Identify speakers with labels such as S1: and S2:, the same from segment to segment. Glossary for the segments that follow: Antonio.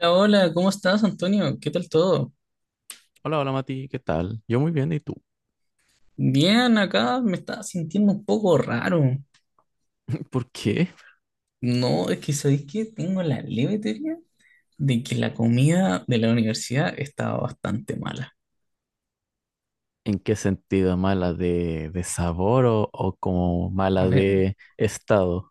S1: Hola, hola, ¿cómo estás, Antonio? ¿Qué tal todo?
S2: Hola, hola Mati, ¿qué tal? Yo muy bien, ¿y tú?
S1: Bien, acá me estaba sintiendo un poco raro.
S2: ¿Por qué?
S1: No, es que ¿sabéis qué? Tengo la leve teoría de que la comida de la universidad estaba bastante mala.
S2: ¿En qué sentido? ¿Mala de sabor o como
S1: A
S2: mala
S1: ver,
S2: de estado?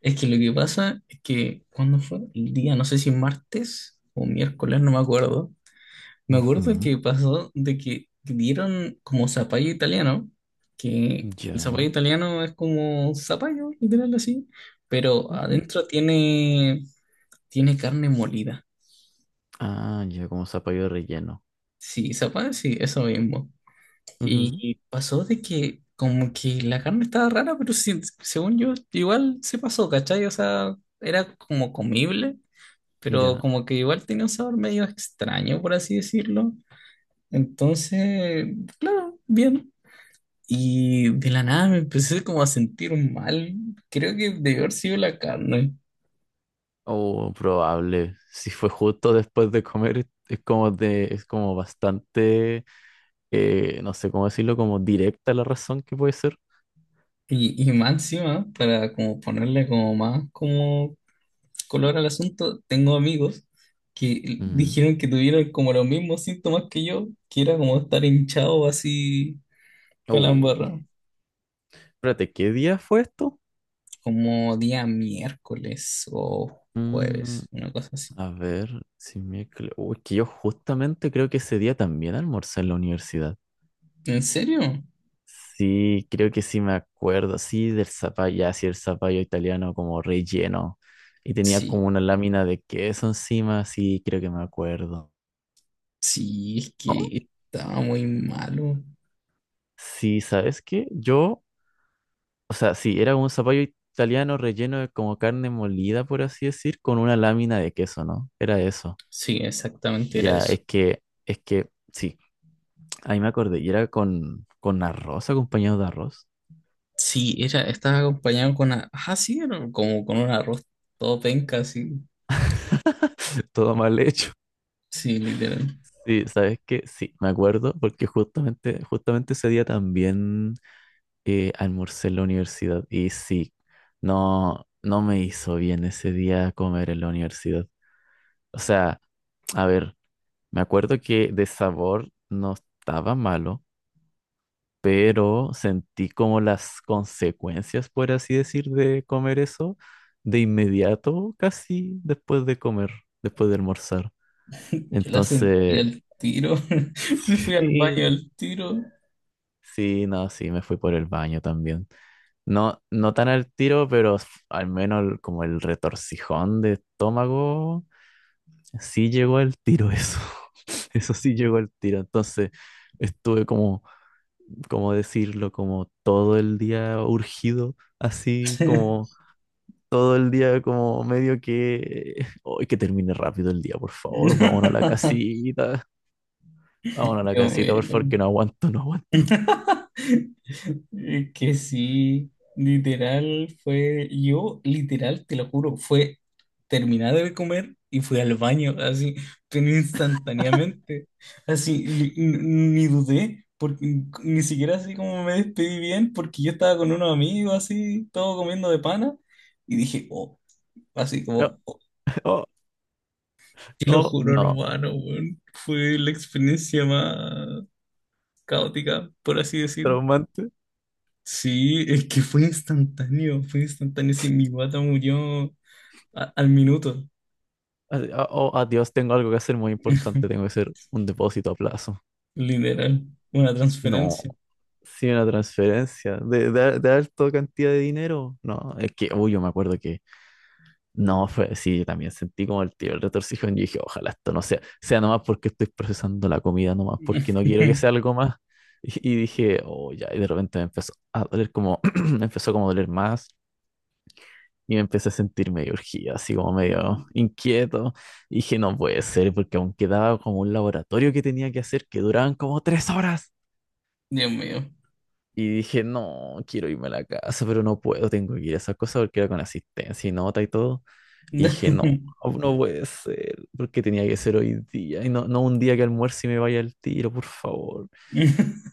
S1: es que lo que pasa es que cuando fue el día, no sé si martes o miércoles, no me acuerdo. Me acuerdo
S2: Ujú.
S1: que pasó de que dieron como zapallo italiano, que el zapallo
S2: Ya.
S1: italiano es como zapallo, literal así, pero
S2: Ujú.
S1: adentro tiene carne molida.
S2: Ah, ya como zapallo relleno.
S1: Sí, sopa, sí, eso mismo.
S2: Ujú.
S1: Y pasó de que como que la carne estaba rara, pero sí, según yo, igual se pasó, ¿cachai? O sea, era como comible, pero
S2: Ya.
S1: como que igual tenía un sabor medio extraño, por así decirlo. Entonces, claro, bien. Y de la nada me empecé como a sentir mal. Creo que debió haber sido la carne.
S2: O probable. Si fue justo después de comer, es como de, es como bastante, no sé cómo decirlo, como directa la razón que puede ser.
S1: Y más encima, para como ponerle como más como color al asunto, tengo amigos que
S2: Mm.
S1: dijeron que tuvieron como los mismos síntomas que yo, que era como estar hinchado así para la
S2: Oh.
S1: embarra,
S2: Espérate, ¿qué día fue esto?
S1: como día miércoles o
S2: Mm.
S1: jueves, una cosa así.
S2: A ver, si miércoles. Uy, que yo justamente creo que ese día también almorcé en la universidad.
S1: ¿En serio?
S2: Sí, creo que sí me acuerdo. Sí, del zapallo, ya, sí, el zapallo italiano como relleno. Y tenía
S1: Sí,
S2: como una lámina de queso encima. Sí, creo que me acuerdo.
S1: sí, es que estaba muy malo.
S2: Sí, ¿sabes qué? Yo, o sea, sí, era un zapallo italiano relleno de como carne molida, por así decir, con una lámina de queso, ¿no? Era eso.
S1: Sí, exactamente era
S2: Ya,
S1: eso.
S2: es que, sí. Ahí me acordé, y era con arroz, acompañado de arroz.
S1: Sí, era, estaba acompañado con una, ah, sí, era como con un arroz todo penca, así,
S2: Todo mal hecho.
S1: sí, literal.
S2: Sí, ¿sabes qué? Sí, me acuerdo, porque justamente, justamente ese día también almorcé en la universidad. Y sí, no me hizo bien ese día comer en la universidad. O sea, a ver, me acuerdo que de sabor no estaba malo, pero sentí como las consecuencias, por así decir, de comer eso de inmediato, casi después de comer, después de almorzar.
S1: Yo la sentí
S2: Entonces,
S1: al tiro. Me fui al baño
S2: sí.
S1: al tiro.
S2: Sí, no, sí, me fui por el baño también. No, no tan al tiro, pero al menos como el retorcijón de estómago, sí llegó al tiro eso. Eso sí llegó al tiro. Entonces estuve como ¿cómo decirlo? Como todo el día urgido, así como todo el día como medio que, hoy que termine rápido el día, por favor, vámonos a la
S1: Dios
S2: casita, vámonos a la
S1: mío.
S2: casita, por favor, que no aguanto, no aguanto.
S1: Es que sí, literal fue, yo literal, te lo juro, fue terminar de comer y fui al baño, así, pero instantáneamente, así, ni dudé, porque ni siquiera así como me despedí bien, porque yo estaba con unos amigos, así, todo comiendo de pana, y dije, oh, así
S2: No,
S1: como, oh,
S2: oh,
S1: te lo
S2: oh,
S1: juro,
S2: no,
S1: hermano, weón, fue la experiencia más caótica, por así decir.
S2: traumante.
S1: Sí, es que fue instantáneo, fue instantáneo. Sí, mi guata murió al minuto.
S2: Así, ah, oh, adiós, tengo algo que hacer muy importante, tengo que hacer un depósito a plazo.
S1: Literal, una
S2: No.
S1: transferencia.
S2: Sí, una transferencia de alta cantidad de dinero. No, es que, uy, yo me acuerdo que no, fue, sí, yo también sentí como el tiro, el retorcijón. Yo dije, ojalá esto no sea, sea nomás porque estoy procesando la comida, nomás porque no quiero que sea algo más. Y dije, oh, ya, y de repente me empezó a doler como, me empezó como a doler más y me empecé a sentir medio urgido, así como medio inquieto. Y dije, no puede ser, porque aún quedaba como un laboratorio que tenía que hacer que duraban como tres horas.
S1: Dios mío.
S2: Y dije, no, quiero irme a la casa, pero no puedo, tengo que ir a esas cosas porque era con asistencia y nota y todo. Y dije, no, no puede ser, porque tenía que ser hoy día. Y no, no un día que almuerce y me vaya al tiro, por favor.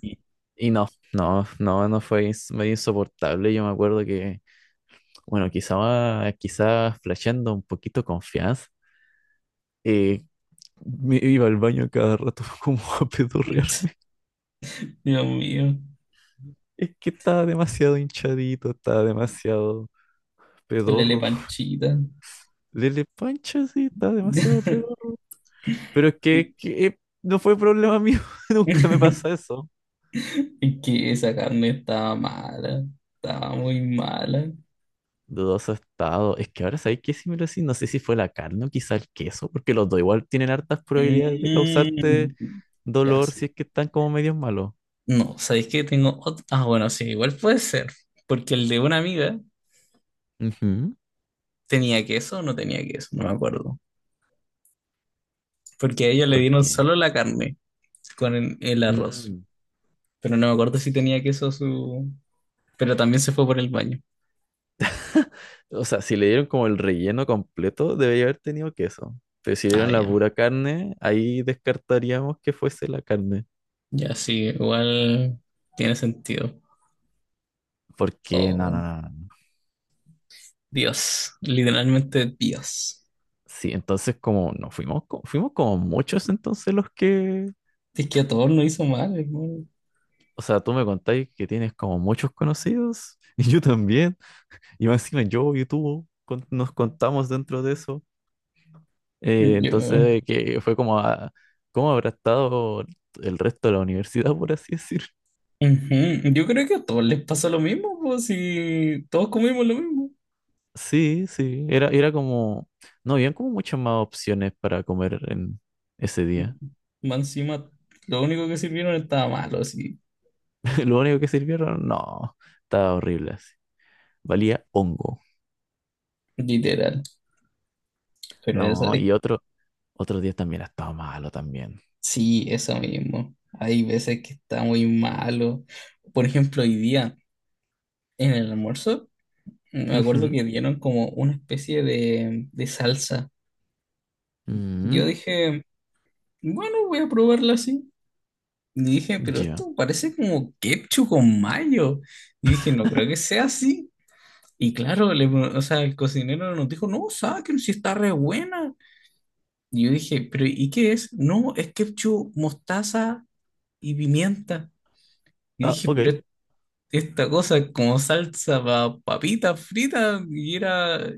S2: Y, y no, no fue medio insoportable. Yo me acuerdo que, bueno, quizás flasheando un poquito confianza, eh, me iba al baño cada rato como a pedorrear.
S1: Dios mío.
S2: Es que estaba demasiado hinchadito, estaba demasiado
S1: Lele
S2: pedorro.
S1: panchita.
S2: Lele Pancho, sí, está demasiado pedo. Pero es que, no fue problema mío, nunca me pasa eso.
S1: Es que esa carne estaba mala, estaba muy mala.
S2: Dudoso estado. Es que ahora sabéis que si me lo decís, no sé si fue la carne o quizá el queso, porque los dos igual tienen hartas probabilidades de causarte
S1: Mm, ya
S2: dolor si
S1: sí.
S2: es que están como medios malos.
S1: No, ¿sabéis qué tengo otro? Ah, bueno, sí, igual puede ser, porque el de una amiga...
S2: Ujú.
S1: ¿Tenía queso o no tenía queso? No me acuerdo. Porque a ellos le
S2: ¿Por
S1: dieron
S2: qué?
S1: solo la carne con el arroz.
S2: Mm.
S1: Pero no me acuerdo si tenía queso su... Pero también se fue por el baño.
S2: O sea, si le dieron como el relleno completo, debería haber tenido queso. Pero si le
S1: Ah,
S2: dieron la
S1: ya.
S2: pura carne, ahí descartaríamos que fuese la carne.
S1: Ya sí, igual tiene sentido.
S2: ¿Por qué? No, no,
S1: Oh,
S2: no. no.
S1: Dios. Literalmente Dios.
S2: Sí, entonces como nos fuimos, fuimos como muchos entonces los que,
S1: Si Es que a todos nos hizo mal, hermano.
S2: o sea, tú me contáis que tienes como muchos conocidos y yo también, y más encima yo y tú nos contamos dentro de eso.
S1: Yo,
S2: Entonces que fue como, a, ¿cómo habrá estado el resto de la universidad, por así decir?
S1: ujú. Yo creo que a todos les pasó lo mismo, pues si todos comimos lo mismo.
S2: Sí, sí, era como, no, habían como muchas más opciones para comer en ese día.
S1: Más encima, lo único que sirvieron estaba malo, así,
S2: Lo único que sirvieron, no, estaba horrible así, valía hongo.
S1: literal. Pero eso,
S2: No, y otro, otros días también ha estado malo también.
S1: sí, eso mismo. Hay veces que está muy malo. Por ejemplo, hoy día en el almuerzo, me acuerdo
S2: Ujú,
S1: que dieron como una especie de salsa.
S2: mm,
S1: Yo dije, bueno, voy a probarla así. Y dije, pero
S2: ya.
S1: esto parece como ketchup con mayo. Y dije, no creo que sea así. Y claro, o sea, el cocinero nos dijo, no, saquen si está re buena. Y yo dije, pero ¿y qué es? No, es ketchup, mostaza y pimienta. Y
S2: Ah,
S1: dije,
S2: ok.
S1: pero esta cosa es como salsa para papitas fritas y era...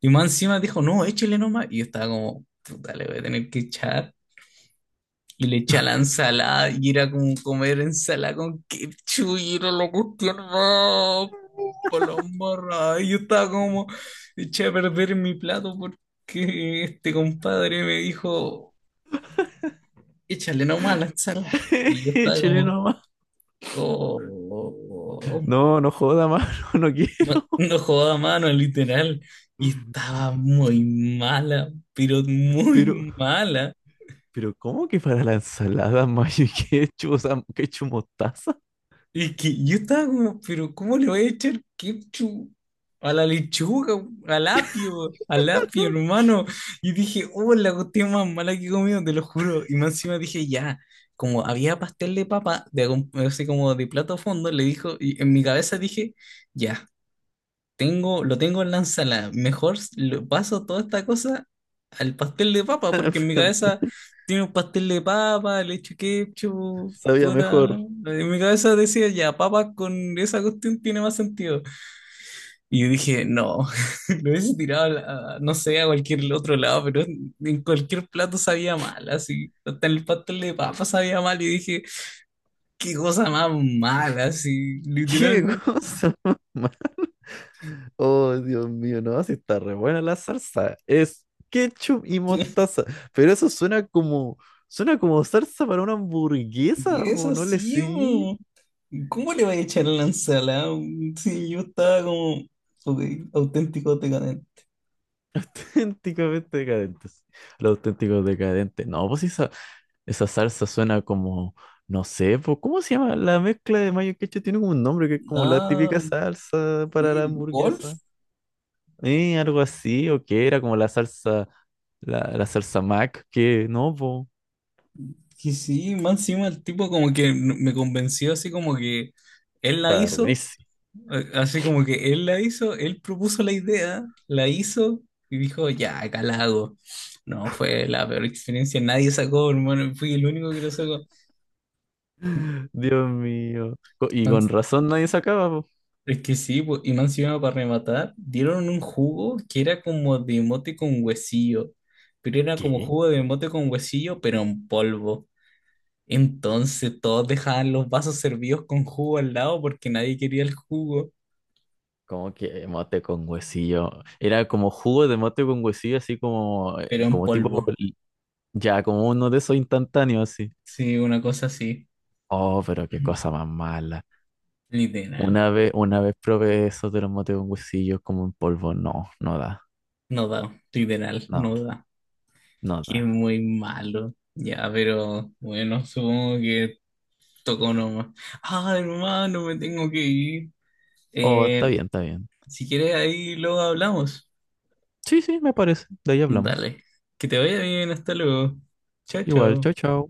S1: Y más encima dijo, no, échale nomás. Y yo estaba como, puta, le voy a tener que echar. Y le eché a la ensalada y era como comer ensalada con ketchup y era la cuestión más palombarra. Y yo estaba como, eché a perder mi plato porque este compadre me dijo, échale nomás a la ensalada. Y yo estaba como...
S2: Chileno más.
S1: Oh,
S2: No, no joda más, no, no quiero.
S1: no, no jugaba a mano, literal. Y estaba muy mala, pero
S2: Pero,
S1: muy mala.
S2: pero, ¿cómo que para la ensalada mayo y ketchup, o sea, ketchup mostaza?
S1: Y que yo estaba como, pero ¿cómo le voy a echar ketchup a la lechuga, al apio, hermano? Y dije, oh, la cuestión más mala que he comido, te lo juro. Y más encima dije, ya, como había pastel de papa, así como de plato a fondo, le dijo, y en mi cabeza dije, ya. Tengo, lo tengo en la ensalada. Mejor lo paso toda esta cosa al pastel de papa, porque en mi cabeza tiene un pastel de papa, le echo ketchup,
S2: Sabía
S1: puta.
S2: mejor.
S1: En mi cabeza decía, ya, papa con esa cuestión tiene más sentido. Y yo dije, no, lo hubiese tirado, no sé, a cualquier otro lado, pero en cualquier plato sabía mal, así. Hasta en el pastel de papa sabía mal y dije, qué cosa más mala, así,
S2: ¿Qué
S1: literalmente.
S2: cosa? ¿Ma? Oh, Dios mío, no, si está re buena la salsa. Es ketchup y mostaza. Pero eso suena como salsa para una
S1: Y
S2: hamburguesa, po,
S1: eso
S2: no le
S1: sí,
S2: sigue.
S1: po. ¿Cómo le voy a echar a la ensalada? Sí, yo estaba como ok, auténtico decadente.
S2: Auténticamente decadentes. Los auténticos decadentes. No, pues esa salsa suena como, no sé, pues, ¿cómo se llama? La mezcla de mayo y ketchup tiene como un nombre que es como la típica
S1: Ah,
S2: salsa para la
S1: sí, Wolf,
S2: hamburguesa. Algo así, o que era como la salsa, la salsa Mac, que no, pues,
S1: que sí, más encima el tipo como que me convenció así como que él la
S2: está
S1: hizo,
S2: buenísimo.
S1: así como que él la hizo, él propuso la idea, la hizo y dijo, ya, acá la hago. No, fue la peor experiencia, nadie sacó, hermano, fui el único que lo sacó.
S2: Dios mío. Y con razón nadie sacaba, pues.
S1: Es que sí, po, y más encima para rematar, dieron un jugo que era como de mote con huesillo, pero era como
S2: ¿Qué?
S1: jugo de mote con huesillo, pero en polvo. Entonces todos dejaban los vasos servidos con jugo al lado porque nadie quería el jugo,
S2: Como que mote con huesillo. Era como jugo de mote con huesillo, así como,
S1: pero en
S2: como tipo
S1: polvo.
S2: ya, como uno de esos instantáneos así.
S1: Sí, una cosa así.
S2: Oh, pero qué cosa más mala.
S1: Literal.
S2: Una vez probé eso de los motes con huesillos como en polvo. No, no da.
S1: No da, literal, no
S2: No,
S1: da.
S2: no da.
S1: Que muy malo. Ya, pero bueno, supongo que tocó nomás. Ah, hermano, me tengo que ir.
S2: Oh, está
S1: Eh,
S2: bien, está bien.
S1: Si quieres, ahí luego hablamos.
S2: Sí, sí, me parece. De ahí hablamos.
S1: Dale. Que te vaya bien, hasta luego. Chao,
S2: Igual,
S1: chao.
S2: chao, chao.